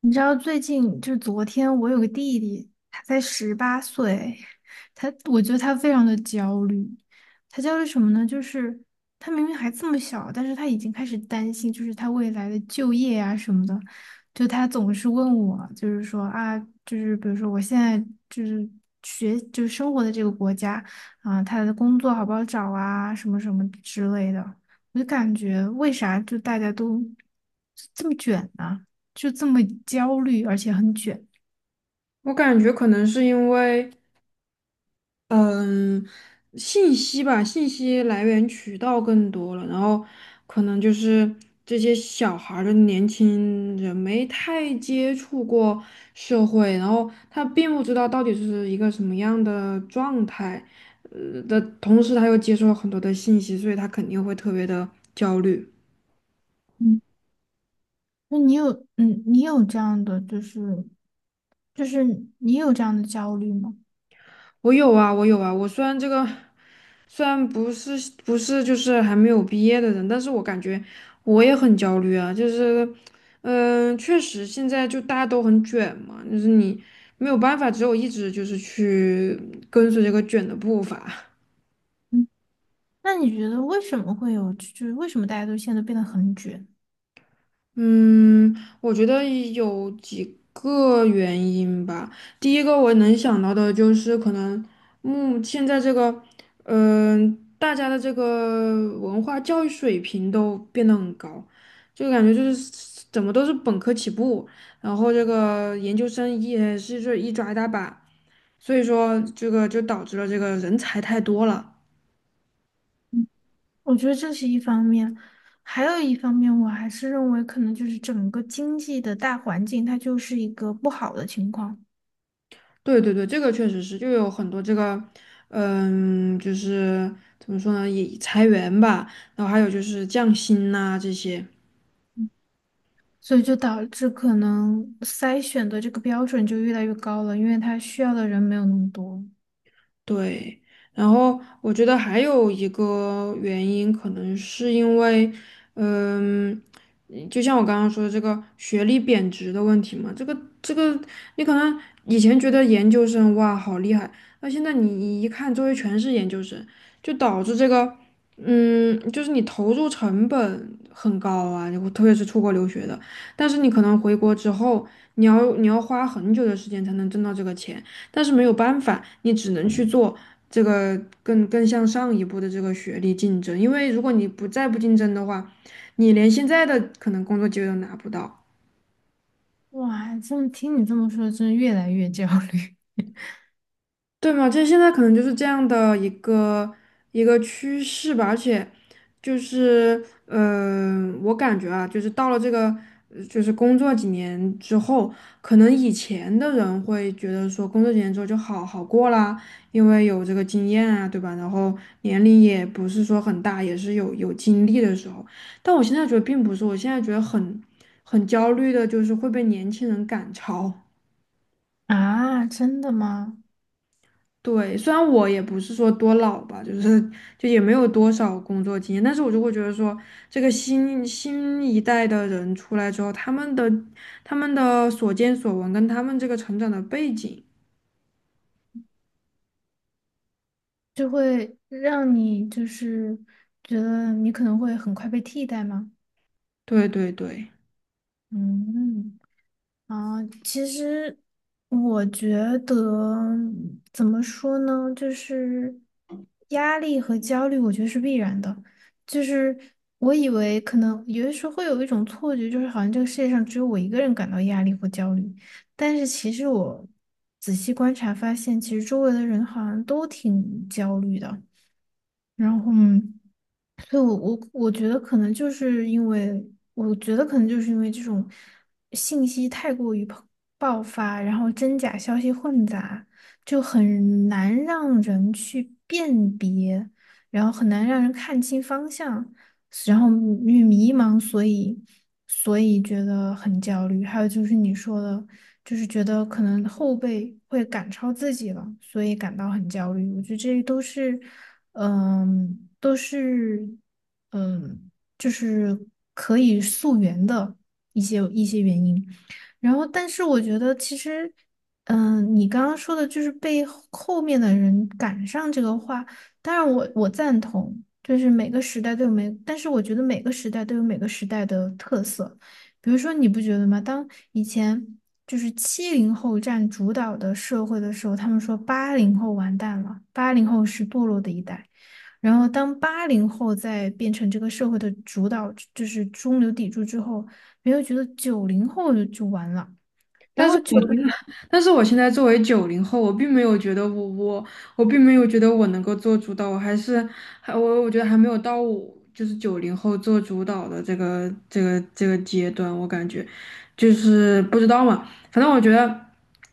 你知道最近就是昨天，我有个弟弟，他才18岁，我觉得他非常的焦虑。他焦虑什么呢？就是他明明还这么小，但是他已经开始担心，就是他未来的就业啊什么的。就他总是问我，就是说啊，就是比如说我现在就是学就是生活的这个国家啊，他的工作好不好找啊，什么什么之类的。我就感觉为啥就大家都这么卷呢、就这么焦虑，而且很卷。我感觉可能是因为，嗯，信息吧，信息来源渠道更多了，然后可能就是这些小孩儿的年轻人没太接触过社会，然后他并不知道到底是一个什么样的状态，的同时他又接受了很多的信息，所以他肯定会特别的焦虑。嗯，那你有，嗯，你有这样的，就是，就是你有这样的焦虑吗？我有啊，我有啊。我虽然虽然不是不是就是还没有毕业的人，但是我感觉我也很焦虑啊。就是，确实现在就大家都很卷嘛，就是你没有办法，只有一直就是去跟随这个卷的步伐。嗯那你觉得为什么会有，就是为什么大家都现在都变得很卷？嗯，我觉得有几个原因吧。第一个我能想到的就是可能，现在这个，大家的这个文化教育水平都变得很高，就感觉就是怎么都是本科起步，然后这个研究生也是这一抓一大把，所以说这个就导致了这个人才太多了。我觉得这是一方面，还有一方面，我还是认为可能就是整个经济的大环境，它就是一个不好的情况。对对对，这个确实是，就有很多这个，就是怎么说呢，也裁员吧，然后还有就是降薪呐、这些。嗯所以就导致可能筛选的这个标准就越来越高了，因为它需要的人没有那么多。对，然后我觉得还有一个原因，可能是因为，嗯，就像我刚刚说的这个学历贬值的问题嘛，这个，你可能以前觉得研究生哇好厉害，那现在你一看周围全是研究生，就导致这个，就是你投入成本很高啊，你特别是出国留学的，但是你可能回国之后，你要花很久的时间才能挣到这个钱。但是没有办法，你只能去做这个更向上一步的这个学历竞争，因为如果你不再不竞争的话，你连现在的可能工作机会都拿不到。哇，这么听你这么说，真越来越焦虑。 对嘛，就现在可能就是这样的一个趋势吧，而且就是我感觉啊，就是到了这个就是工作几年之后，可能以前的人会觉得说工作几年之后就好好过啦，因为有这个经验啊，对吧？然后年龄也不是说很大，也是有经历的时候。但我现在觉得并不是，我现在觉得很焦虑的，就是会被年轻人赶超。啊！真的吗？对，虽然我也不是说多老吧，就是也没有多少工作经验，但是我就会觉得说，这个新一代的人出来之后，他们的所见所闻跟他们这个成长的背景，就会让你就是觉得你可能会很快被替代吗？对对对。嗯。啊，其实我觉得怎么说呢，就是压力和焦虑，我觉得是必然的。就是我以为可能有的时候会有一种错觉，就是好像这个世界上只有我一个人感到压力或焦虑，但是其实我仔细观察发现，其实周围的人好像都挺焦虑的。然后。嗯所以我觉得可能就是因为这种信息太过于爆发，然后真假消息混杂，就很难让人去辨别，然后很难让人看清方向。然后因为迷茫，所以觉得很焦虑。还有就是你说的，就是觉得可能后辈会赶超自己了，所以感到很焦虑。我觉得这都是，嗯，都是，嗯，就是可以溯源的一些原因。然后，但是我觉得其实。你刚刚说的就是被后面的人赶上这个话当然我赞同，就是每个时代都有每，但是我觉得每个时代都有每个时代的特色。比如说，你不觉得吗？当以前就是70后占主导的社会的时候，他们说八零后完蛋了，八零后是堕落的一代。然后，当八零后在变成这个社会的主导，就是中流砥柱之后，没有觉得九零后就完了。然但是后九我零。但是我现在作为九零后，我并没有觉得我能够做主导，我觉得还没有到我就是九零后做主导的这个阶段，我感觉就是不知道嘛，反正我觉得。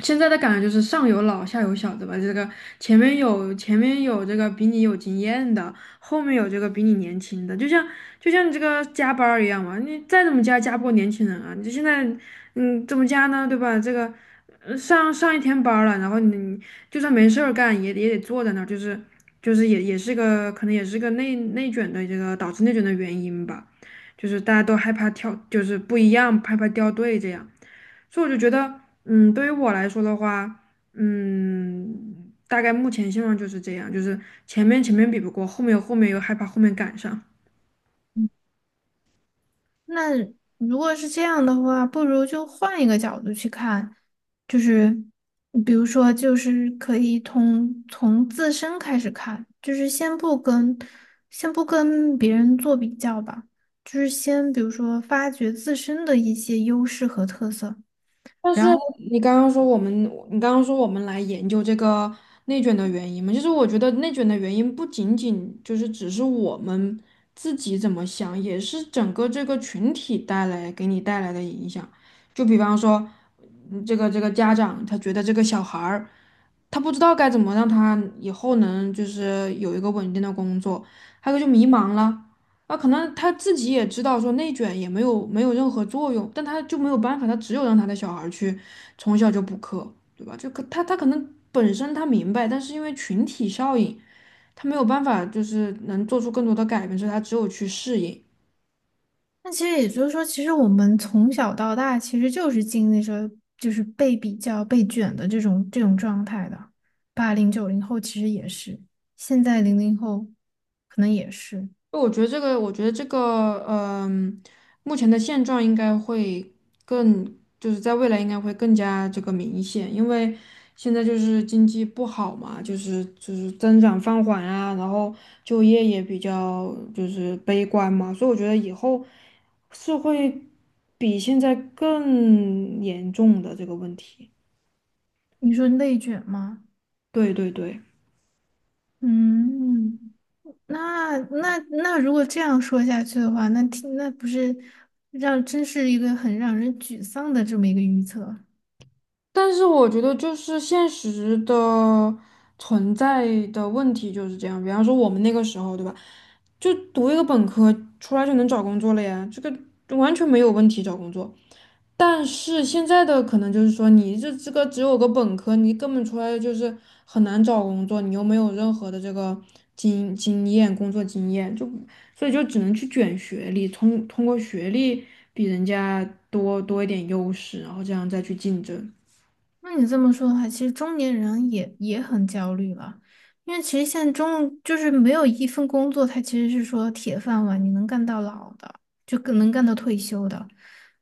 现在的感觉就是上有老下有小，的吧？这个前面有这个比你有经验的，后面有这个比你年轻的，就像你这个加班儿一样嘛，你再怎么加不过年轻人啊！你这现在怎么加呢？对吧？这个上一天班儿了，然后你就算没事儿干，也得坐在那儿，就是也是个可能也是个内卷的这个导致内卷的原因吧，就是大家都害怕跳，就是不一样，害怕掉队这样，所以我就觉得，对于我来说的话，大概目前现状就是这样，就是前面比不过，后面又害怕后面赶上。那如果是这样的话，不如就换一个角度去看，就是比如说，就是可以从自身开始看，就是先不跟别人做比较吧，就是先比如说发掘自身的一些优势和特色，但是然后。你刚刚说我们，你刚刚说我们来研究这个内卷的原因嘛，就是我觉得内卷的原因不仅仅就是只是我们自己怎么想，也是整个这个群体给你带来的影响。就比方说，这个家长他觉得这个小孩儿，他不知道该怎么让他以后能就是有一个稳定的工作，还有就迷茫了。啊，可能他自己也知道说内卷也没有任何作用，但他就没有办法，他只有让他的小孩儿去从小就补课，对吧？就可他可能本身他明白，但是因为群体效应，他没有办法就是能做出更多的改变，所以他只有去适应。那其实也就是说，其实我们从小到大其实就是经历着就是被比较、被卷的这种状态的。80、90后其实也是，现在00后可能也是。我觉得这个，目前的现状应该会更，就是在未来应该会更加这个明显，因为现在就是经济不好嘛，就是增长放缓啊，然后就业也比较就是悲观嘛，所以我觉得以后是会比现在更严重的这个问题。你说内卷吗？对对对。嗯，那如果这样说下去的话，那听那不是让真是一个很让人沮丧的这么一个预测。但是我觉得就是现实的存在的问题就是这样，比方说我们那个时候，对吧？就读一个本科出来就能找工作了呀，这个完全没有问题找工作。但是现在的可能就是说，你这个只有个本科，你根本出来就是很难找工作，你又没有任何的这个经验、工作经验，就所以就只能去卷学历，通过学历比人家多一点优势，然后这样再去竞争。那你这么说的话，其实中年人也很焦虑了，因为其实现在中就是没有一份工作，他其实是说铁饭碗，你能干到老的，就更能干到退休的。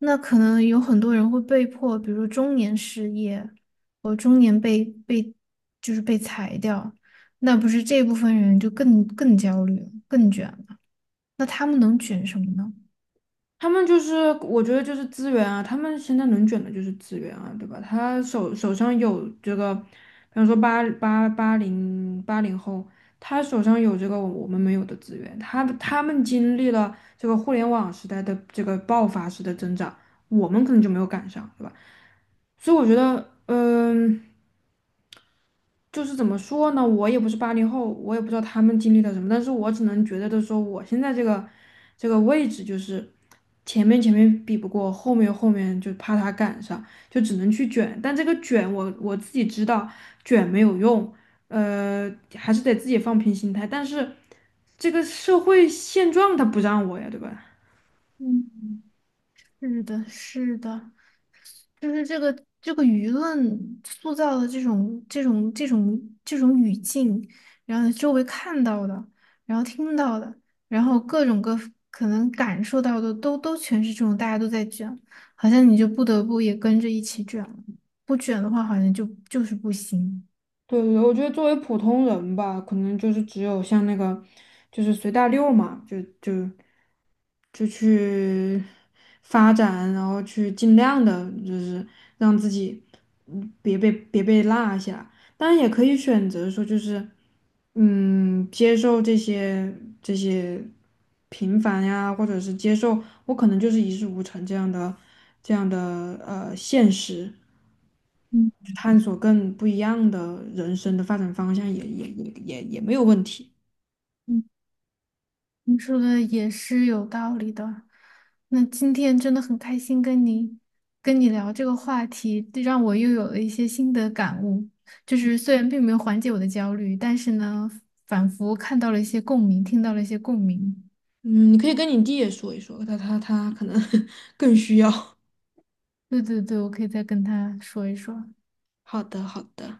那可能有很多人会被迫，比如说中年失业，或中年被被就是被裁掉，那不是这部分人就更焦虑，更卷了。那他们能卷什么呢？他们就是，我觉得就是资源啊，他们现在能卷的就是资源啊，对吧？他手上有这个，比方说八零后，他手上有这个我们没有的资源，他们经历了这个互联网时代的这个爆发式的增长，我们可能就没有赶上，对吧？所以我觉得，就是怎么说呢？我也不是八零后，我也不知道他们经历了什么，但是我只能觉得的说，我现在这个位置，就是前面比不过，后面就怕他赶上，就只能去卷。但这个卷我自己知道卷没有用，呃，还是得自己放平心态。但是这个社会现状他不让我呀，对吧？嗯。是的，是的，就是这个舆论塑造的这种语境，然后周围看到的，然后听到的，然后各种各可能感受到的都全是这种，大家都在卷，好像你就不得不也跟着一起卷了。不卷的话好像就是不行。对对对我觉得作为普通人吧，可能就是只有像那个，就是随大溜嘛，就去发展，然后去尽量的，就是让自己别被落下。当然也可以选择说，就是接受这些平凡呀，或者是接受我可能就是一事无成这样的现实。嗯探索更不一样的人生的发展方向也没有问题。嗯。你说的也是有道理的。那今天真的很开心跟你聊这个话题，这让我又有了一些新的感悟。就是虽然并没有缓解我的焦虑，但是呢，仿佛看到了一些共鸣，听到了一些共鸣。嗯，你可以跟你弟也说一说，他可能 更需要。对对对，我可以再跟他说一说。好的，好的。